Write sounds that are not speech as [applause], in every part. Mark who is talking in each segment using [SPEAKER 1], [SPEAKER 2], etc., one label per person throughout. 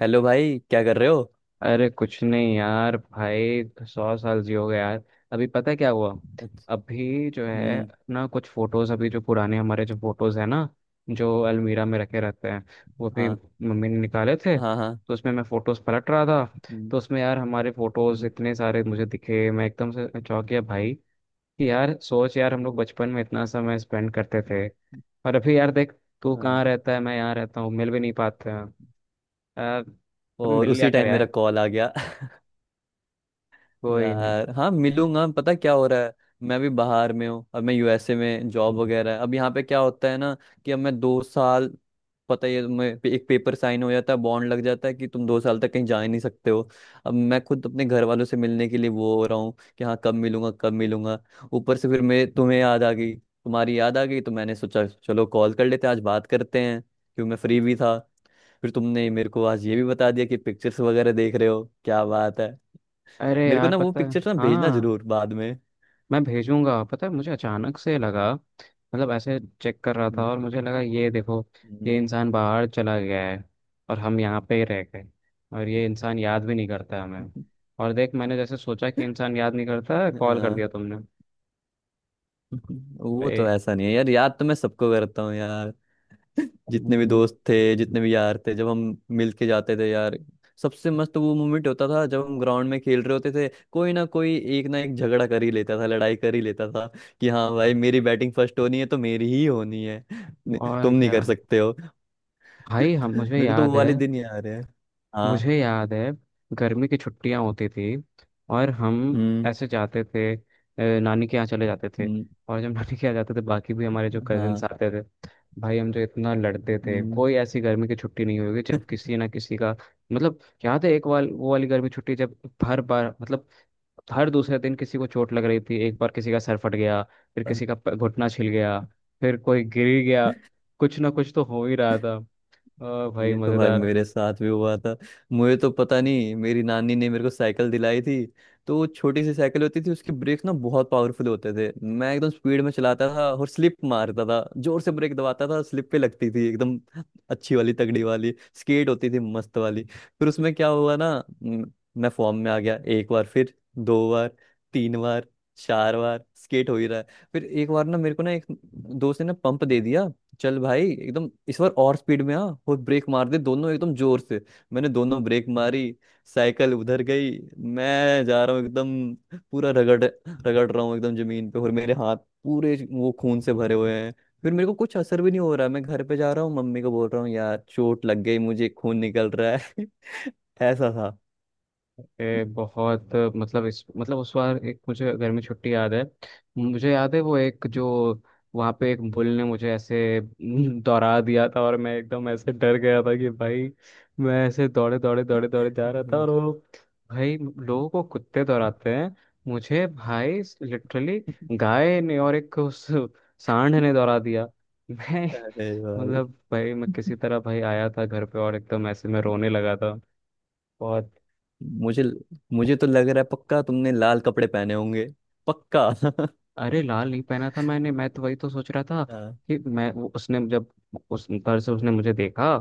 [SPEAKER 1] Hello भाई, क्या कर रहे हो?
[SPEAKER 2] अरे कुछ नहीं यार। भाई 100 साल जियोगे यार। अभी पता है क्या हुआ।
[SPEAKER 1] अच्छा।
[SPEAKER 2] अभी जो है
[SPEAKER 1] हम्म।
[SPEAKER 2] ना, कुछ फोटोज, अभी जो पुराने हमारे जो फोटोज है ना, जो अलमीरा में रखे रहते हैं, वो भी
[SPEAKER 1] हाँ।
[SPEAKER 2] मम्मी ने निकाले थे,
[SPEAKER 1] हाँ हाँ।
[SPEAKER 2] तो उसमें मैं फोटोज पलट रहा था।
[SPEAKER 1] हम्म।
[SPEAKER 2] तो उसमें यार हमारे फोटोज
[SPEAKER 1] हम्म।
[SPEAKER 2] इतने सारे मुझे दिखे, मैं एकदम से चौंक गया भाई कि यार सोच, यार हम लोग बचपन में इतना समय स्पेंड करते थे। और अभी यार देख, तू कहाँ
[SPEAKER 1] हाँ।
[SPEAKER 2] रहता है, मैं यहाँ रहता हूँ, मिल भी नहीं पाते हैं यार। कभी
[SPEAKER 1] और
[SPEAKER 2] मिल लिया
[SPEAKER 1] उसी
[SPEAKER 2] कर
[SPEAKER 1] टाइम मेरा
[SPEAKER 2] यार।
[SPEAKER 1] कॉल आ गया [laughs]
[SPEAKER 2] कोई नहीं।
[SPEAKER 1] यार हाँ, मिलूंगा। पता क्या हो रहा है, मैं भी बाहर में हूँ। अब मैं यूएसए में जॉब वगैरह है। अब यहाँ पे क्या होता है ना कि अब मैं 2 साल, पता ही है तुम्हें, एक पेपर साइन हो जाता है, बॉन्ड लग जाता है कि तुम 2 साल तक कहीं जा ही नहीं सकते हो। अब मैं खुद अपने घर वालों से मिलने के लिए वो हो रहा हूँ कि हाँ, कब मिलूंगा, कब मिलूंगा। ऊपर से फिर मैं तुम्हें याद आ गई, तुम्हारी याद आ गई, तो मैंने सोचा चलो कॉल कर लेते हैं, आज बात करते हैं, क्यों मैं फ्री भी था। फिर तुमने मेरे को आज ये भी बता दिया कि पिक्चर्स वगैरह देख रहे हो, क्या बात है।
[SPEAKER 2] अरे
[SPEAKER 1] मेरे को
[SPEAKER 2] यार
[SPEAKER 1] ना वो
[SPEAKER 2] पता है,
[SPEAKER 1] पिक्चर ना भेजना
[SPEAKER 2] हाँ।
[SPEAKER 1] जरूर बाद में।
[SPEAKER 2] मैं भेजूंगा। पता है मुझे अचानक से लगा, मतलब ऐसे चेक कर रहा था
[SPEAKER 1] हम्म।
[SPEAKER 2] और मुझे लगा ये देखो।
[SPEAKER 1] हम्म।
[SPEAKER 2] ये इंसान बाहर चला गया है, और हम यहाँ पे ही रह गए, और ये इंसान याद भी नहीं करता हमें। और देख, मैंने जैसे सोचा कि इंसान याद नहीं करता, कॉल कर
[SPEAKER 1] हाँ।
[SPEAKER 2] दिया तुमने। तो
[SPEAKER 1] वो
[SPEAKER 2] ए,
[SPEAKER 1] तो ऐसा नहीं है यार, याद तो मैं सबको करता हूँ यार। जितने भी
[SPEAKER 2] हम्म।
[SPEAKER 1] दोस्त थे, जितने भी यार थे, जब हम मिल के जाते थे यार, सबसे मस्त वो मोमेंट होता था जब हम ग्राउंड में खेल रहे होते थे। कोई ना कोई एक ना एक झगड़ा कर ही लेता था, लड़ाई कर ही लेता था कि हाँ भाई मेरी बैटिंग फर्स्ट होनी है तो मेरी ही होनी है, नहीं,
[SPEAKER 2] और
[SPEAKER 1] तुम नहीं
[SPEAKER 2] क्या।
[SPEAKER 1] कर सकते हो। [laughs]
[SPEAKER 2] भाई हम मुझे
[SPEAKER 1] मेरे को तो वो
[SPEAKER 2] याद है।
[SPEAKER 1] वाले दिन याद है। हाँ।
[SPEAKER 2] मुझे याद है। गर्मी की छुट्टियां होती थी, और हम
[SPEAKER 1] हम्म।
[SPEAKER 2] ऐसे जाते थे नानी के यहाँ चले जाते थे।
[SPEAKER 1] हम्म।
[SPEAKER 2] और जब [laughs] नानी के यहाँ जाते थे, बाकी भी हमारे जो कजिन्स
[SPEAKER 1] हाँ।
[SPEAKER 2] आते थे। भाई हम जो इतना लड़ते थे,
[SPEAKER 1] हम्म।
[SPEAKER 2] कोई ऐसी गर्मी की छुट्टी नहीं होगी जब किसी ना किसी का, मतलब। याद है एक वाल वो वाली गर्मी छुट्टी जब, हर बार मतलब, हर दूसरे दिन किसी को चोट लग रही थी। एक बार किसी का सर फट गया। फिर किसी का घुटना छिल गया। फिर कोई गिर गया। कुछ ना कुछ तो हो ही रहा था। ओ भाई,
[SPEAKER 1] ये तो भाई
[SPEAKER 2] मजेदार।
[SPEAKER 1] मेरे साथ भी हुआ था। मुझे तो पता नहीं, मेरी नानी ने मेरे को साइकिल दिलाई थी। तो वो छोटी सी साइकिल होती थी, उसके ब्रेक ना बहुत पावरफुल होते थे। मैं एकदम स्पीड में चलाता था और स्लिप मारता था, जोर से ब्रेक दबाता था, स्लिप पे लगती थी एकदम। अच्छी वाली तगड़ी वाली स्केट होती थी, मस्त वाली। फिर उसमें क्या हुआ ना, म, मैं फॉर्म में आ गया। एक बार, फिर दो बार, तीन बार, चार बार स्केट हो ही रहा है। फिर एक बार ना मेरे को ना एक दोस्त ने ना पंप दे दिया, चल भाई एकदम इस बार और स्पीड में आ, और ब्रेक मार दे दोनों एकदम जोर से। मैंने दोनों ब्रेक मारी, साइकिल उधर गई, मैं जा रहा हूँ एकदम पूरा रगड़ रगड़ रहा हूँ एकदम जमीन पे, और मेरे हाथ पूरे वो खून से भरे हुए हैं। फिर मेरे को कुछ असर भी नहीं हो रहा, मैं घर पे जा रहा हूँ मम्मी को बोल रहा हूँ यार चोट लग गई, मुझे खून निकल रहा है। [laughs] ऐसा था।
[SPEAKER 2] बहुत, मतलब इस मतलब उस बार एक मुझे गर्मी छुट्टी याद है। मुझे याद है वो एक जो, वहाँ पे एक बुल ने मुझे ऐसे [laughs] दौड़ा दिया था, और मैं एकदम ऐसे डर गया था कि भाई, मैं ऐसे दौड़े दौड़े दौड़े दौड़े जा रहा था और वो, भाई लोगों को कुत्ते दौड़ाते हैं, मुझे भाई लिटरली गाय ने और एक उस सांड ने दौड़ा दिया। [laughs] मैं,
[SPEAKER 1] अरे भाई।
[SPEAKER 2] मतलब भाई मैं किसी तरह भाई आया था घर पे, और एकदम ऐसे मैं रोने लगा था बहुत।
[SPEAKER 1] मुझे, मुझे तो लग रहा है पक्का तुमने लाल कपड़े पहने होंगे। पक्का [laughs]
[SPEAKER 2] अरे लाल नहीं पहना था मैंने, मैं तो वही तो सोच रहा था
[SPEAKER 1] हाँ।
[SPEAKER 2] कि मैं वो, उसने जब उस तरह से उसने मुझे देखा,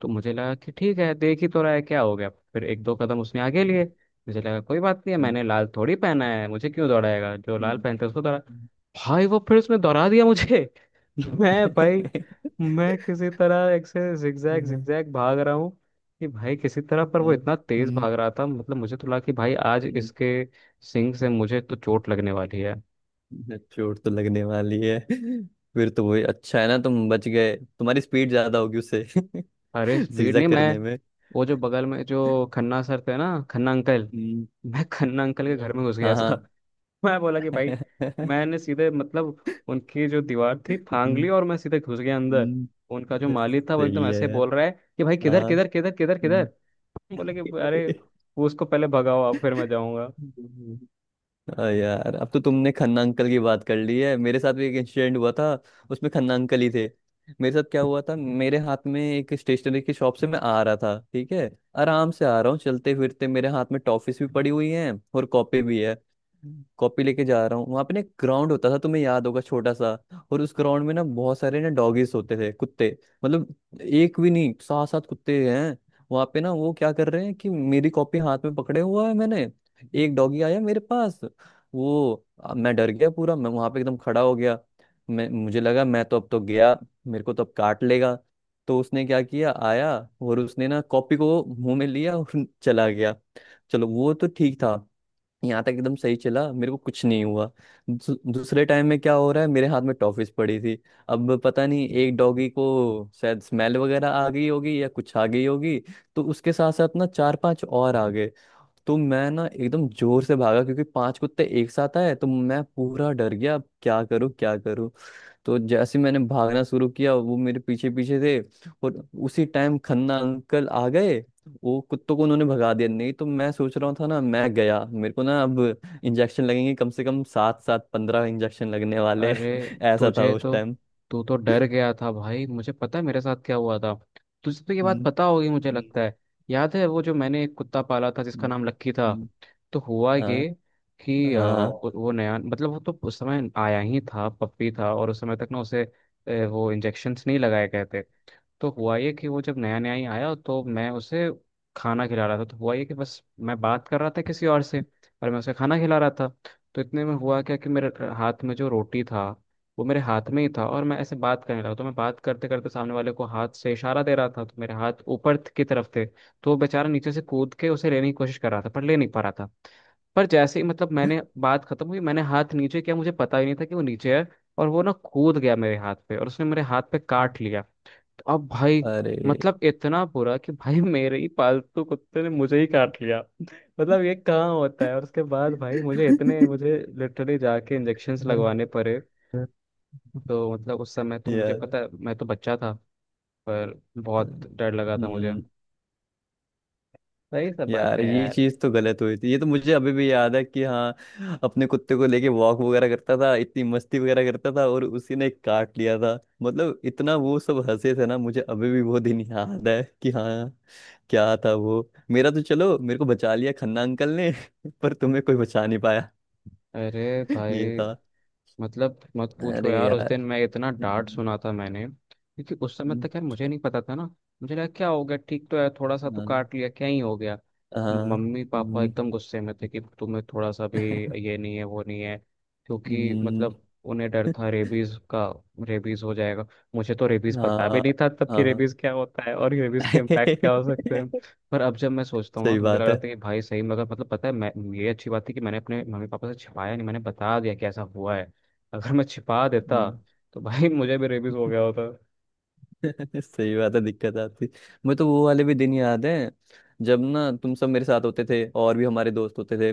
[SPEAKER 2] तो मुझे लगा कि ठीक है, देख ही तो रहा है, क्या हो गया। फिर एक दो कदम उसने आगे लिए। मुझे लगा कोई बात नहीं है,
[SPEAKER 1] हम्म।
[SPEAKER 2] मैंने लाल थोड़ी पहना है, मुझे क्यों दौड़ाएगा, जो लाल
[SPEAKER 1] हम्म।
[SPEAKER 2] पहनता है उसको दौड़ा। भाई वो फिर उसने दौड़ा दिया मुझे। [laughs]
[SPEAKER 1] [laughs]
[SPEAKER 2] मैं भाई,
[SPEAKER 1] हम्म।
[SPEAKER 2] मैं किसी तरह एक से जिगजैग जिगजैग भाग रहा हूँ कि भाई किसी तरह, पर वो इतना तेज
[SPEAKER 1] हम्म।
[SPEAKER 2] भाग रहा था, मतलब मुझे तो लगा कि भाई आज
[SPEAKER 1] हम्म।
[SPEAKER 2] इसके सिंग से मुझे तो चोट लगने वाली है।
[SPEAKER 1] चोट तो लगने वाली है। फिर तो वही अच्छा है ना, तुम बच गए, तुम्हारी स्पीड ज्यादा होगी उससे
[SPEAKER 2] अरे
[SPEAKER 1] [laughs]
[SPEAKER 2] स्पीड नहीं,
[SPEAKER 1] जिगजैग
[SPEAKER 2] मैं
[SPEAKER 1] करने में।
[SPEAKER 2] वो जो बगल में जो खन्ना सर थे ना, खन्ना अंकल,
[SPEAKER 1] हम्म।
[SPEAKER 2] मैं खन्ना अंकल के घर
[SPEAKER 1] हम्म।
[SPEAKER 2] में घुस गया
[SPEAKER 1] हाँ
[SPEAKER 2] था।
[SPEAKER 1] हाँ।
[SPEAKER 2] [laughs] मैं बोला कि भाई,
[SPEAKER 1] [laughs]
[SPEAKER 2] मैंने सीधे, मतलब उनकी जो दीवार थी फांग
[SPEAKER 1] हम्म।
[SPEAKER 2] ली और मैं सीधे घुस गया अंदर।
[SPEAKER 1] हम्म।
[SPEAKER 2] उनका जो माली था वो एकदम
[SPEAKER 1] सही है
[SPEAKER 2] ऐसे
[SPEAKER 1] यार।
[SPEAKER 2] बोल रहा है कि भाई किधर
[SPEAKER 1] हाँ।
[SPEAKER 2] किधर किधर किधर किधर।
[SPEAKER 1] हम्म।
[SPEAKER 2] बोले कि अरे,
[SPEAKER 1] [laughs]
[SPEAKER 2] उसको पहले भगाओ आप, फिर मैं जाऊंगा।
[SPEAKER 1] अरे यार, अब तो तुमने खन्ना अंकल की बात कर ली है, मेरे साथ भी एक इंसिडेंट हुआ था, उसमें खन्ना अंकल ही थे। मेरे साथ क्या हुआ था, मेरे हाथ में एक स्टेशनरी की शॉप से मैं आ रहा था, ठीक है। आराम से आ रहा हूँ चलते फिरते, मेरे हाथ में टॉफिस भी पड़ी हुई है और कॉपी भी है। कॉपी लेके जा रहा हूँ, वहां पे ना एक ग्राउंड होता था, तुम्हें याद होगा, छोटा सा। और उस ग्राउंड में ना बहुत सारे ना डॉगीज होते थे, कुत्ते। मतलब एक भी नहीं, सात सात कुत्ते हैं। वहां पे ना वो क्या कर रहे हैं कि मेरी कॉपी हाथ में पकड़े हुआ है मैंने, एक डॉगी आया मेरे पास, मैं डर गया पूरा, मैं वहां पे एकदम खड़ा हो गया। मैं, मुझे लगा मैं तो अब तो गया, मेरे को तो अब काट लेगा। तो उसने क्या किया, आया और उसने ना कॉपी को मुंह में लिया और [laughs] चला गया। चलो वो तो ठीक था, यहाँ तक एकदम सही चला, मेरे को कुछ नहीं हुआ। दूसरे टाइम में क्या हो रहा है, मेरे हाथ में टॉफिस पड़ी थी। अब पता नहीं एक डॉगी को शायद स्मेल वगैरह आ गई होगी या कुछ आ गई होगी। तो उसके साथ साथ ना चार पांच और आ गए। तो मैं ना एकदम जोर से भागा क्योंकि पांच कुत्ते एक साथ आए तो मैं पूरा डर गया, अब क्या करूं क्या करूं। तो जैसे ही मैंने भागना शुरू किया, वो मेरे पीछे पीछे थे। और उसी टाइम खन्ना अंकल आ गए, वो कुत्तों को उन्होंने भगा दिया, नहीं तो मैं सोच रहा था ना मैं गया, मेरे को ना अब इंजेक्शन लगेंगे कम से कम सात सात 15 इंजेक्शन लगने वाले [laughs]
[SPEAKER 2] अरे,
[SPEAKER 1] हैं। ऐसा था
[SPEAKER 2] तुझे
[SPEAKER 1] उस
[SPEAKER 2] तो
[SPEAKER 1] टाइम।
[SPEAKER 2] तू तो डर गया था भाई, मुझे पता है मेरे साथ क्या हुआ था। तुझे तो ये बात
[SPEAKER 1] हम्म।
[SPEAKER 2] पता होगी मुझे
[SPEAKER 1] हम्म।
[SPEAKER 2] लगता है। याद है वो जो मैंने एक कुत्ता पाला था जिसका
[SPEAKER 1] हम्म।
[SPEAKER 2] नाम लक्की था।
[SPEAKER 1] हम्म।
[SPEAKER 2] तो हुआ ये
[SPEAKER 1] हाँ
[SPEAKER 2] कि
[SPEAKER 1] हाँ।
[SPEAKER 2] वो नया, मतलब वो तो उस समय आया ही था, पप्पी था, और उस समय तक ना, उसे वो इंजेक्शन्स नहीं लगाए गए थे। तो हुआ ये कि वो जब नया नया ही आया, तो मैं उसे खाना खिला रहा था। तो हुआ ये कि बस, मैं बात कर रहा था किसी और से, और मैं उसे खाना खिला रहा था। तो इतने में हुआ क्या कि मेरे हाथ में जो रोटी था, वो मेरे हाथ में ही था, और मैं ऐसे बात करने लगा, तो मैं बात करते करते सामने वाले को हाथ से इशारा दे रहा था, तो मेरे हाथ ऊपर की तरफ थे, तो वो बेचारा नीचे से कूद के उसे लेने की कोशिश कर रहा था पर ले नहीं पा रहा था। पर जैसे ही, मतलब मैंने बात खत्म हुई, मैंने हाथ नीचे किया, मुझे पता ही नहीं था कि वो नीचे है, और वो ना कूद गया मेरे हाथ पे, और उसने मेरे हाथ पे काट लिया। अब भाई,
[SPEAKER 1] अरे
[SPEAKER 2] मतलब इतना बुरा कि भाई मेरे ही पालतू कुत्ते ने मुझे ही काट लिया। मतलब ये कहाँ होता है, और उसके बाद भाई, मुझे लिटरली जाके इंजेक्शन्स लगवाने पड़े।
[SPEAKER 1] [laughs]
[SPEAKER 2] तो मतलब उस समय तो मुझे
[SPEAKER 1] या।
[SPEAKER 2] पता, मैं तो बच्चा था, पर बहुत डर लगा था मुझे।
[SPEAKER 1] हम्म।
[SPEAKER 2] सही सब
[SPEAKER 1] यार
[SPEAKER 2] बातें हैं
[SPEAKER 1] ये
[SPEAKER 2] यार।
[SPEAKER 1] चीज तो गलत हुई थी, ये तो मुझे अभी भी याद है कि हाँ अपने कुत्ते को लेके वॉक वगैरह करता था, इतनी मस्ती वगैरह करता था और उसी ने काट लिया था। मतलब इतना वो सब हंसे थे ना, मुझे अभी भी वो दिन याद है कि हाँ, क्या था वो। मेरा तो चलो, मेरे को बचा लिया खन्ना अंकल ने [laughs] पर तुम्हें कोई बचा नहीं पाया।
[SPEAKER 2] अरे
[SPEAKER 1] [laughs] ये
[SPEAKER 2] भाई,
[SPEAKER 1] था।
[SPEAKER 2] मतलब मत पूछो
[SPEAKER 1] अरे
[SPEAKER 2] यार, उस
[SPEAKER 1] यार।
[SPEAKER 2] दिन मैं इतना डांट
[SPEAKER 1] हम्म।
[SPEAKER 2] सुना था मैंने, क्योंकि उस समय
[SPEAKER 1] हम्म।
[SPEAKER 2] तक यार मुझे नहीं पता था ना। मुझे लगा क्या हो गया, ठीक तो है, थोड़ा सा तो
[SPEAKER 1] हाँ
[SPEAKER 2] काट लिया, क्या ही हो गया।
[SPEAKER 1] हाँ।
[SPEAKER 2] मम्मी पापा
[SPEAKER 1] हम्म।
[SPEAKER 2] एकदम गुस्से में थे कि तुम्हें थोड़ा सा भी,
[SPEAKER 1] [laughs]
[SPEAKER 2] ये नहीं है वो नहीं है, क्योंकि
[SPEAKER 1] हम्म।
[SPEAKER 2] मतलब उन्हें डर था रेबीज का, रेबीज हो जाएगा। मुझे तो रेबीज पता भी
[SPEAKER 1] हाँ
[SPEAKER 2] नहीं था तब, कि
[SPEAKER 1] हाँ।
[SPEAKER 2] रेबीज क्या होता है और रेबीज के इम्पैक्ट क्या हो सकते हैं।
[SPEAKER 1] [laughs]
[SPEAKER 2] पर अब जब मैं सोचता हूँ ना,
[SPEAKER 1] सही
[SPEAKER 2] तो मुझे लग
[SPEAKER 1] बात
[SPEAKER 2] रहा
[SPEAKER 1] है।
[SPEAKER 2] था कि भाई सही, मगर मतलब, पता है मैं, ये अच्छी बात थी कि मैंने अपने मम्मी पापा से छिपाया नहीं, मैंने बता दिया कि ऐसा हुआ है। अगर मैं छिपा देता,
[SPEAKER 1] हम्म।
[SPEAKER 2] तो भाई मुझे भी रेबीज हो गया होता।
[SPEAKER 1] [laughs] सही बात है, दिक्कत आती। मुझे तो वो वाले भी दिन याद है, जब ना तुम सब मेरे साथ होते थे और भी हमारे दोस्त होते थे।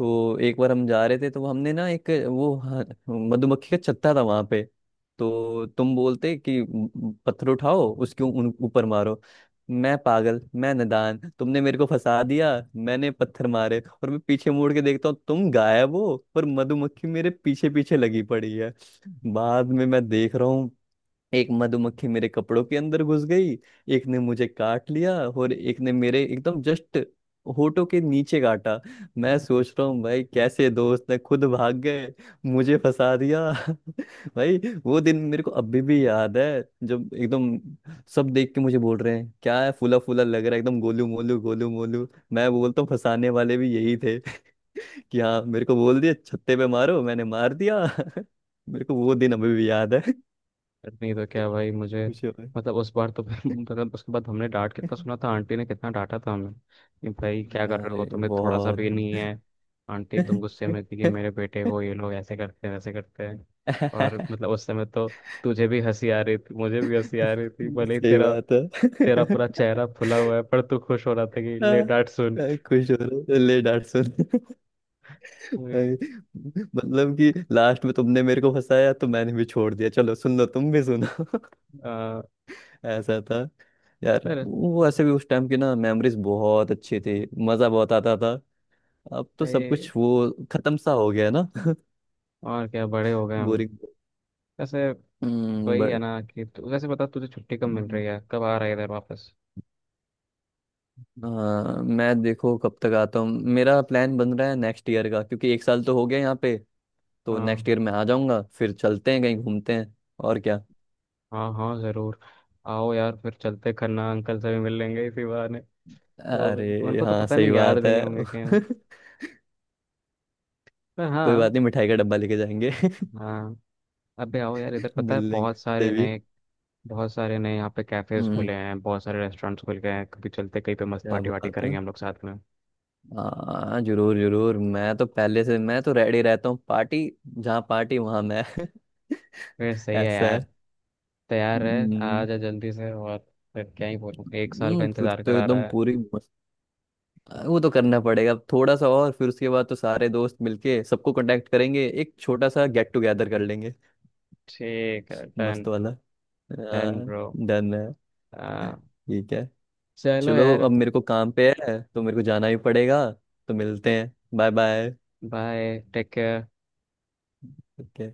[SPEAKER 1] तो एक बार हम जा रहे थे, तो हमने ना एक वो हाँ, मधुमक्खी का छत्ता था वहां पे। तो तुम बोलते कि पत्थर उठाओ उसके ऊपर मारो। मैं पागल, मैं नादान, तुमने मेरे को फंसा दिया। मैंने पत्थर मारे और मैं पीछे मुड़ के देखता हूँ, तुम गायब हो, पर मधुमक्खी मेरे पीछे पीछे लगी पड़ी है। बाद में मैं देख रहा हूँ, एक मधुमक्खी मेरे कपड़ों के अंदर घुस गई, एक ने मुझे काट लिया और एक ने मेरे एकदम जस्ट होठों के नीचे काटा। मैं सोच रहा हूँ भाई कैसे दोस्त ने खुद भाग गए, मुझे फंसा दिया [laughs] भाई। वो दिन मेरे को अभी भी याद है, जब एकदम सब देख के मुझे बोल रहे हैं क्या है, फूला फूला लग रहा है, एकदम गोलू मोलू गोलू मोलू। मैं बोलता हूँ फंसाने वाले भी यही थे [laughs] कि हाँ मेरे को बोल दिया छत्ते पे मारो, मैंने मार दिया [laughs] मेरे को वो दिन अभी भी याद है [laughs]
[SPEAKER 2] बट नहीं तो क्या भाई, मुझे
[SPEAKER 1] कुछ और।
[SPEAKER 2] मतलब उस बार तो फिर [laughs] मतलब उसके बाद हमने डांट कितना सुना था, आंटी ने कितना डांटा था हमें कि भाई क्या कर रहे हो,
[SPEAKER 1] अरे
[SPEAKER 2] तुम्हें थोड़ा सा
[SPEAKER 1] बहुत।
[SPEAKER 2] भी नहीं है। आंटी एकदम
[SPEAKER 1] [laughs]
[SPEAKER 2] गुस्से में थी कि मेरे बेटे को ये लोग ऐसे करते हैं वैसे करते हैं। और
[SPEAKER 1] सही
[SPEAKER 2] मतलब उस समय तो, तुझे भी हंसी आ रही थी, मुझे भी हंसी आ रही थी, भले ही तेरा
[SPEAKER 1] बात
[SPEAKER 2] तेरा
[SPEAKER 1] है।
[SPEAKER 2] पूरा चेहरा फुला हुआ है, पर तू खुश हो रहा था कि
[SPEAKER 1] हाँ,
[SPEAKER 2] ले डांट सुन।
[SPEAKER 1] मैं खुश हो रहा हूँ ले डांट सुन भाई।
[SPEAKER 2] वही,
[SPEAKER 1] मतलब कि लास्ट में तुमने मेरे को फंसाया, तो मैंने भी छोड़ दिया, चलो सुन लो तुम भी सुनो [laughs]
[SPEAKER 2] आ,
[SPEAKER 1] ऐसा था। यार
[SPEAKER 2] पर
[SPEAKER 1] वो ऐसे भी उस टाइम की ना मेमोरीज बहुत अच्छी थी, मजा बहुत आता था। अब तो सब कुछ
[SPEAKER 2] ये,
[SPEAKER 1] वो खत्म सा हो गया ना [laughs]
[SPEAKER 2] और क्या, बड़े हो गए हम
[SPEAKER 1] बोरिंग।
[SPEAKER 2] वैसे। वही है
[SPEAKER 1] बट।
[SPEAKER 2] ना कि वैसे बता, तुझे छुट्टी कब मिल रही है, कब आ रहा है इधर वापस।
[SPEAKER 1] हाँ मैं देखो कब तक आता हूँ। मेरा प्लान बन रहा है नेक्स्ट ईयर का, क्योंकि एक साल तो हो गया यहाँ पे। तो नेक्स्ट
[SPEAKER 2] हाँ।
[SPEAKER 1] ईयर मैं आ जाऊंगा, फिर चलते हैं, कहीं घूमते हैं। और क्या।
[SPEAKER 2] हाँ हाँ, जरूर। आओ यार, फिर चलते खन्ना अंकल से भी मिल लेंगे इसी बहाने। तो
[SPEAKER 1] अरे
[SPEAKER 2] उनको तो
[SPEAKER 1] हाँ
[SPEAKER 2] पता
[SPEAKER 1] सही
[SPEAKER 2] नहीं, याद
[SPEAKER 1] बात
[SPEAKER 2] भी नहीं
[SPEAKER 1] है
[SPEAKER 2] होंगे कहीं।
[SPEAKER 1] [laughs]
[SPEAKER 2] पर
[SPEAKER 1] कोई
[SPEAKER 2] हाँ।
[SPEAKER 1] बात नहीं, मिठाई का डब्बा लेके जाएंगे।
[SPEAKER 2] हाँ, अबे आओ यार इधर,
[SPEAKER 1] [laughs]
[SPEAKER 2] पता
[SPEAKER 1] मिल
[SPEAKER 2] है
[SPEAKER 1] लेंगे उससे भी।
[SPEAKER 2] बहुत सारे नए यहाँ पे कैफेज खुले
[SPEAKER 1] हम्म।
[SPEAKER 2] हैं, बहुत सारे रेस्टोरेंट्स खुल गए हैं, कभी चलते कहीं पे मस्त
[SPEAKER 1] क्या
[SPEAKER 2] पार्टी वार्टी
[SPEAKER 1] बात है।
[SPEAKER 2] करेंगे हम लोग साथ में।
[SPEAKER 1] हाँ जरूर जरूर, मैं तो पहले से, मैं तो रेडी रहता हूँ पार्टी। जहाँ पार्टी वहाँ मैं [laughs]
[SPEAKER 2] फिर सही है
[SPEAKER 1] ऐसा
[SPEAKER 2] यार।
[SPEAKER 1] है।
[SPEAKER 2] तैयार है, आ
[SPEAKER 1] हम्म।
[SPEAKER 2] जा जल्दी से, और फिर क्या ही बोलूँ, एक साल का
[SPEAKER 1] फिर
[SPEAKER 2] इंतजार
[SPEAKER 1] तो
[SPEAKER 2] करा
[SPEAKER 1] एकदम
[SPEAKER 2] रहा है।
[SPEAKER 1] पूरी मस्त। वो तो करना पड़ेगा अब थोड़ा सा, और फिर उसके बाद तो सारे दोस्त मिलके सबको कांटेक्ट करेंगे, एक छोटा सा गेट टुगेदर कर लेंगे,
[SPEAKER 2] ठीक है डन।
[SPEAKER 1] मस्त वाला।
[SPEAKER 2] डन
[SPEAKER 1] हाँ।
[SPEAKER 2] ब्रो।
[SPEAKER 1] डन है।
[SPEAKER 2] आ,
[SPEAKER 1] ठीक है।
[SPEAKER 2] चलो
[SPEAKER 1] चलो,
[SPEAKER 2] यार।
[SPEAKER 1] अब मेरे को काम पे है तो मेरे को जाना ही पड़ेगा, तो मिलते हैं, bye bye.
[SPEAKER 2] Bye, take care.